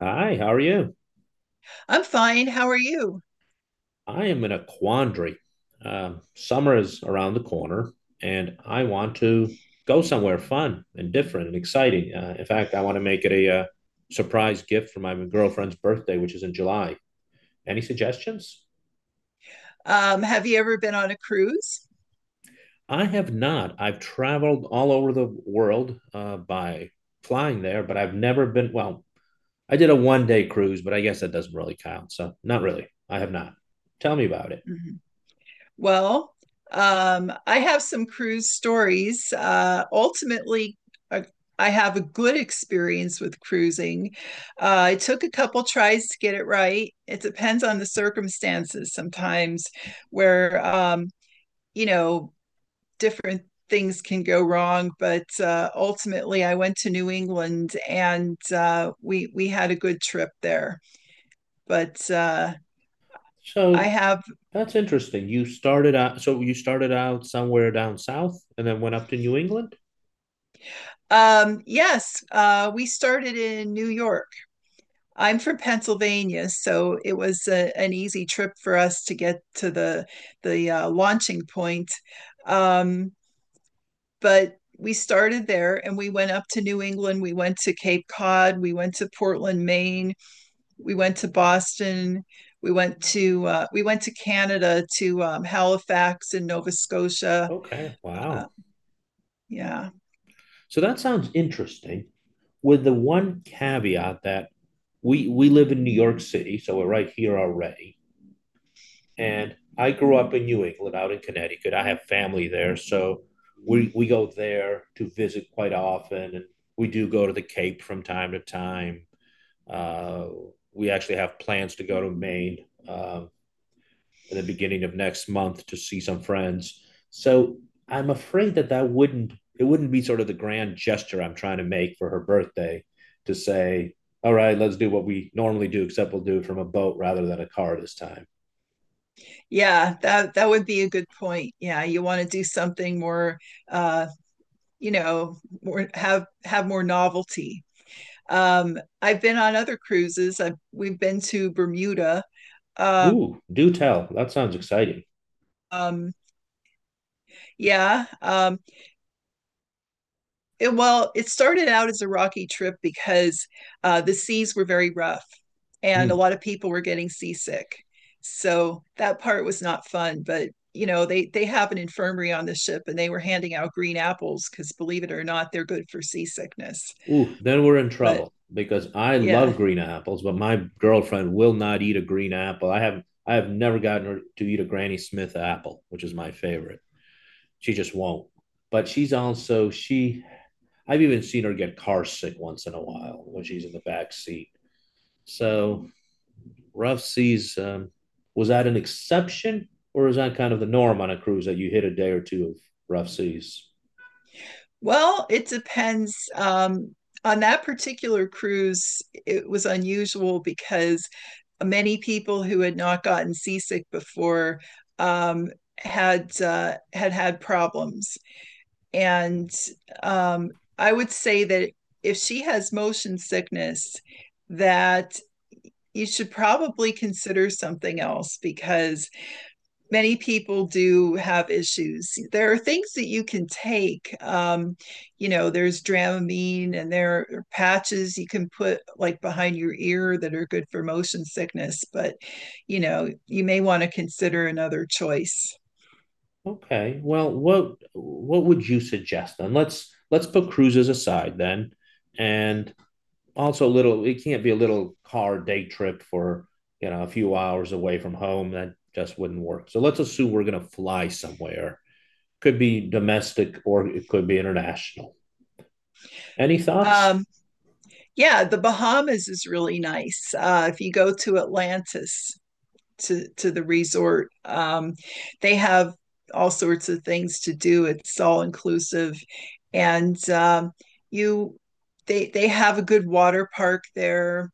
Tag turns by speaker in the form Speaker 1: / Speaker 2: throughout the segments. Speaker 1: Hi, how are you?
Speaker 2: I'm fine. How are you?
Speaker 1: I am in a quandary. Summer is around the corner, and I want to go somewhere fun and different and exciting. In fact, I want to make it a surprise gift for my girlfriend's birthday, which is in July. Any suggestions?
Speaker 2: Have you ever been on a cruise?
Speaker 1: I have not. I've traveled all over the world by flying there, but I've never been, well, I did a one day cruise, but I guess that doesn't really count. So, not really. I have not. Tell me about it.
Speaker 2: Mhm. Well, I have some cruise stories. Ultimately, uh, I have a good experience with cruising. It took a couple tries to get it right. It depends on the circumstances sometimes, where you know different things can go wrong, but ultimately I went to New England and we had a good trip there. But I
Speaker 1: So,
Speaker 2: have
Speaker 1: That's interesting. So you started out somewhere down south and then went up to New England?
Speaker 2: yes, we started in New York. I'm from Pennsylvania, so it was a, an easy trip for us to get to the launching point. Um, but we started there and we went up to New England. We went to Cape Cod. We went to Portland, Maine. We went to Boston. We went to Canada to Halifax and Nova Scotia.
Speaker 1: Okay,
Speaker 2: Uh,
Speaker 1: wow.
Speaker 2: yeah,
Speaker 1: So that sounds interesting, with the one caveat that we live in New York City, so we're right here already. And I grew up in New England, out in Connecticut. I have family there, so we go there to visit quite often, and we do go to the Cape from time to time. Uh, we actually have plans to go to Maine. In the beginning of next month to see some friends. So I'm afraid that that wouldn't it wouldn't be sort of the grand gesture I'm trying to make for her birthday, to say, all right, let's do what we normally do, except we'll do it from a boat rather than a car this time.
Speaker 2: yeah, that would be a good point. Yeah, you want to do something more, uh, you know, more have more novelty. I've been on other cruises. We've been to Bermuda. Uh,
Speaker 1: Ooh, do tell. That sounds exciting.
Speaker 2: um, yeah, um, It, well, it started out as a rocky trip because the seas were very rough and a
Speaker 1: Hmm.
Speaker 2: lot of people were getting seasick. So that part was not fun, but you know, they have an infirmary on the ship and they were handing out green apples because believe it or not, they're good for seasickness.
Speaker 1: Ooh, then we're in
Speaker 2: But
Speaker 1: trouble, because I
Speaker 2: yeah.
Speaker 1: love green apples, but my girlfriend will not eat a green apple. I have never gotten her to eat a Granny Smith apple, which is my favorite. She just won't. But she's also she I've even seen her get car sick once in a while when she's in the back seat. So, rough seas, was that an exception, or is that kind of the norm on a cruise, that you hit a day or two of rough seas?
Speaker 2: Well, it depends. On that particular cruise, it was unusual because many people who had not gotten seasick before um, had had problems, and um, I would say that if she has motion sickness, that you should probably consider something else because many people do have issues. There are things that you can take. You know, there's Dramamine and there are patches you can put like behind your ear that are good for motion sickness, but you know, you may want to consider another choice.
Speaker 1: Okay. Well, what would you suggest then? Let's put cruises aside then, and also, a little it can't be a little car day trip for, a few hours away from home, that just wouldn't work. So let's assume we're going to fly somewhere. Could be domestic, or it could be international. Any thoughts?
Speaker 2: Um, yeah, the Bahamas is really nice. If you go to Atlantis, to the resort. They have all sorts of things to do. It's all inclusive, and you they have a good water park there.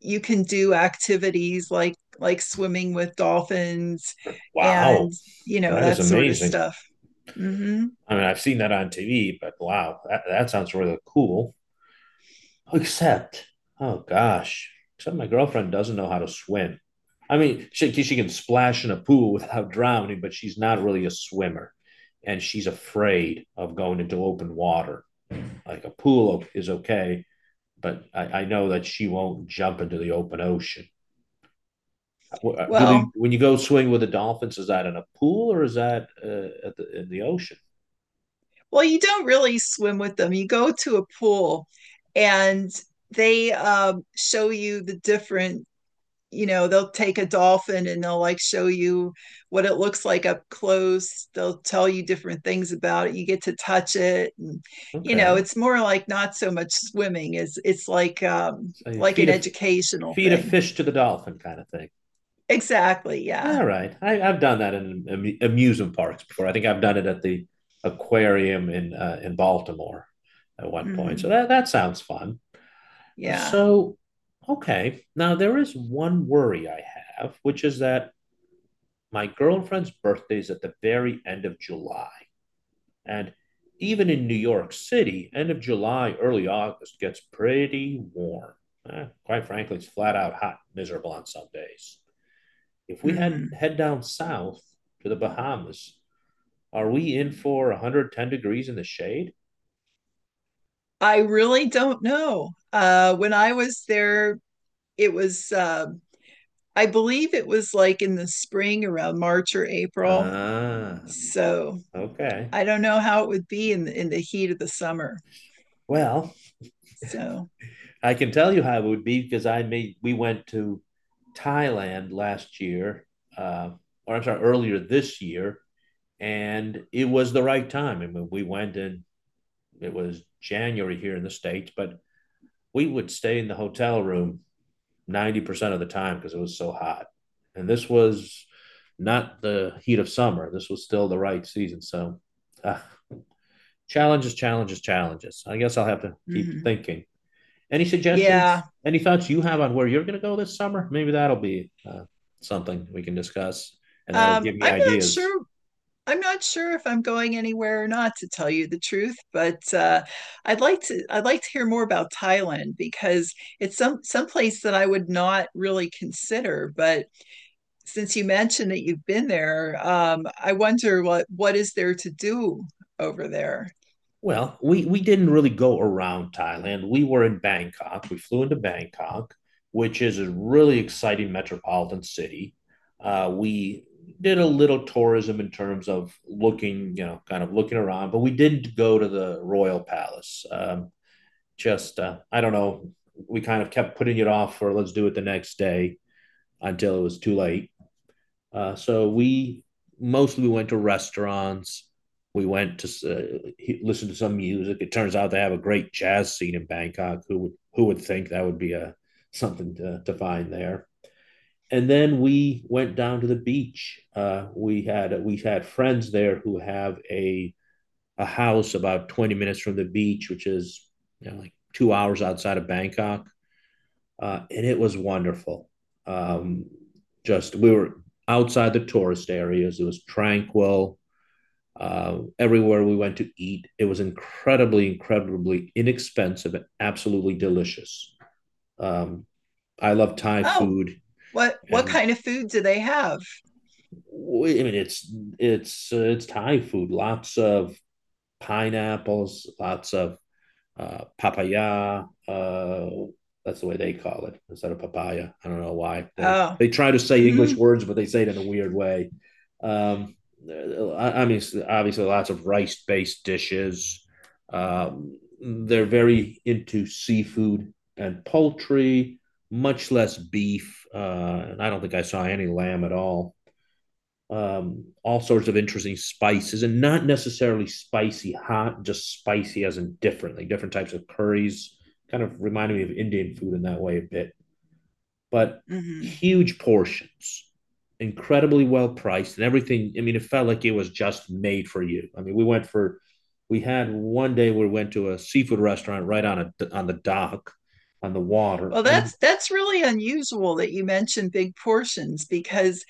Speaker 2: You can do activities like swimming with dolphins,
Speaker 1: Wow,
Speaker 2: and you know
Speaker 1: that is
Speaker 2: that sort of
Speaker 1: amazing.
Speaker 2: stuff. Mm-hmm.
Speaker 1: I mean, I've seen that on TV, but wow, that sounds really cool. Except, oh gosh, except my girlfriend doesn't know how to swim. I mean, she can splash in a pool without drowning, but she's not really a swimmer. And she's afraid of going into open water. Like a pool is okay, but I know that she won't jump into the open ocean. Do they,
Speaker 2: Well,
Speaker 1: when you go swimming with the dolphins, is that in a pool, or is that in the ocean?
Speaker 2: well, you don't really swim with them. You go to a pool, and they show you the different, you know, they'll take a dolphin and they'll like show you what it looks like up close. They'll tell you different things about it. You get to touch it, and you know,
Speaker 1: Okay.
Speaker 2: it's more like not so much swimming. It's like
Speaker 1: So you feed
Speaker 2: an
Speaker 1: a,
Speaker 2: educational
Speaker 1: feed a
Speaker 2: thing.
Speaker 1: fish to the dolphin kind of thing.
Speaker 2: Exactly, yeah.
Speaker 1: All right. I've done that in amusement parks before. I think I've done it at the aquarium in in Baltimore at one point. So
Speaker 2: Hmm.
Speaker 1: that sounds fun.
Speaker 2: Yeah.
Speaker 1: So, okay. Now there is one worry I have, which is that my girlfriend's birthday is at the very end of July. And even in New York City, end of July, early August, gets pretty warm. Eh, quite frankly, it's flat out hot, miserable on some days. If we head
Speaker 2: Hmm.
Speaker 1: head down south to the Bahamas, are we in for 110 degrees in the shade?
Speaker 2: I really don't know. When I was there, it was I believe it was like in the spring around March or April,
Speaker 1: Ah,
Speaker 2: so
Speaker 1: okay.
Speaker 2: I don't know how it would be in the heat of the summer.
Speaker 1: Well,
Speaker 2: So,
Speaker 1: I can tell you how it would be, because I made we went to Thailand last year, uh, or, I'm sorry, earlier this year, and it was the right time. I mean, we went in, it was January here in the states, but we would stay in the hotel room 90% of the time because it was so hot. And this was not the heat of summer. This was still the right season. So, uh, challenges, challenges, challenges. I guess I'll have to keep
Speaker 2: mhm.
Speaker 1: thinking. Any
Speaker 2: yeah,
Speaker 1: suggestions? Any thoughts you have on where you're going to go this summer? Maybe that'll be something we can discuss, and that'll give me
Speaker 2: I'm not
Speaker 1: ideas.
Speaker 2: sure. I'm not sure if I'm going anywhere or not, to tell you the truth. But I'd like to. I'd like to hear more about Thailand because it's some place that I would not really consider. But since you mentioned that you've been there, I wonder what is there to do over there.
Speaker 1: Well, we didn't really go around Thailand. We were in Bangkok. We flew into Bangkok, which is a really exciting metropolitan city. We did a little tourism in terms of looking, you know, kind of looking around, but we didn't go to the Royal Palace. Just, I don't know. We kind of kept putting it off for, let's do it the next day, until it was too late. So we mostly went to restaurants. We went to, uh, listen to some music. It turns out they have a great jazz scene in Bangkok. Who would think that would be a something to find there? And then we went down to the beach. We had friends there who have a house about 20 minutes from the beach, which is, like 2 hours outside of Bangkok, and it was wonderful. Um, just, we were outside the tourist areas. It was tranquil. Everywhere we went to eat, it was incredibly, incredibly inexpensive and absolutely delicious. Um, I love Thai
Speaker 2: Oh,
Speaker 1: food,
Speaker 2: what
Speaker 1: and
Speaker 2: kind of food do they have?
Speaker 1: I mean, it's it's Thai food. Lots of pineapples, lots of papaya. That's the way they call it, instead of papaya. I don't know why they
Speaker 2: Oh,
Speaker 1: they try to say English
Speaker 2: hmm.
Speaker 1: words, but they say it in a weird way. Um, I mean, obviously, lots of rice-based dishes. They're very into seafood and poultry, much less beef. And I don't think I saw any lamb at all, all sorts of interesting spices, and not necessarily spicy hot, just spicy as in different, like different types of curries. Kind of reminded me of Indian food in that way a bit, but
Speaker 2: Hmm.
Speaker 1: huge portions, incredibly well priced, and everything. I mean, it felt like it was just made for you. I mean, we had one day we went to a seafood restaurant right on a on the dock, on the water,
Speaker 2: Well,
Speaker 1: and
Speaker 2: that's really unusual that you mentioned big portions because,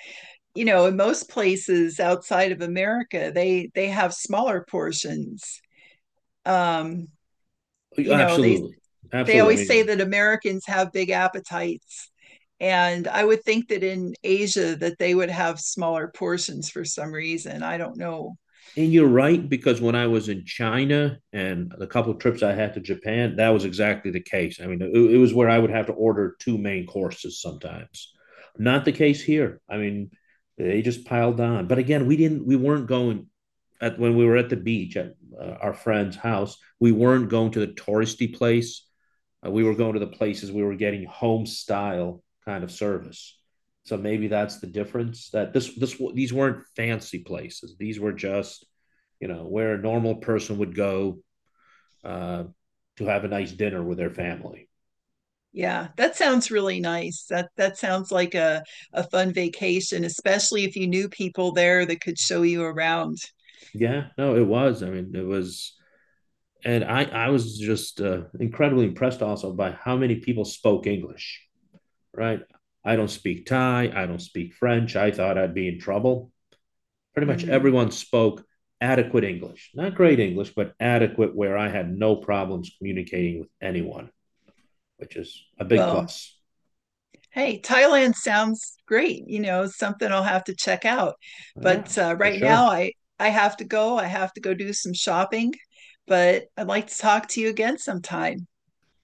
Speaker 2: you know, in most places outside of America, they have smaller portions. Um, you know, they
Speaker 1: absolutely,
Speaker 2: they
Speaker 1: absolutely. I
Speaker 2: always say
Speaker 1: mean,
Speaker 2: that Americans have big appetites, and I would think that in Asia that they would have smaller portions for some reason. I don't know.
Speaker 1: and you're right, because when I was in China and a couple of trips I had to Japan, that was exactly the case. I mean, it was where I would have to order two main courses sometimes. Not the case here. I mean, they just piled on. But again, we weren't going at when we were at the beach at our friend's house, we weren't going to the touristy place. We were going to the places we were getting home style kind of service. So maybe that's the difference. That this these weren't fancy places. These were just, where a normal person would go uh, to have a nice dinner with their family.
Speaker 2: Yeah, that sounds really nice. That that sounds like a fun vacation, especially if you knew people there that could show you around.
Speaker 1: Yeah, no, it was. I mean, it was, and I was just incredibly impressed also by how many people spoke English. Right, I don't speak Thai. I don't speak French. I thought I'd be in trouble. Pretty much
Speaker 2: Hmm.
Speaker 1: everyone spoke adequate English, not great English, but adequate, where I had no problems communicating with anyone, which is a big
Speaker 2: Well,
Speaker 1: plus.
Speaker 2: hey, Thailand sounds great. You know, something I'll have to check out.
Speaker 1: Yeah,
Speaker 2: But
Speaker 1: for
Speaker 2: right now,
Speaker 1: sure.
Speaker 2: I have to go. I have to go do some shopping. But I'd like to talk to you again sometime.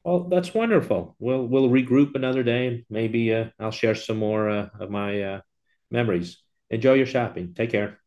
Speaker 1: Well, that's wonderful. We'll regroup another day, and maybe I'll share some more of my memories. Enjoy your shopping. Take care.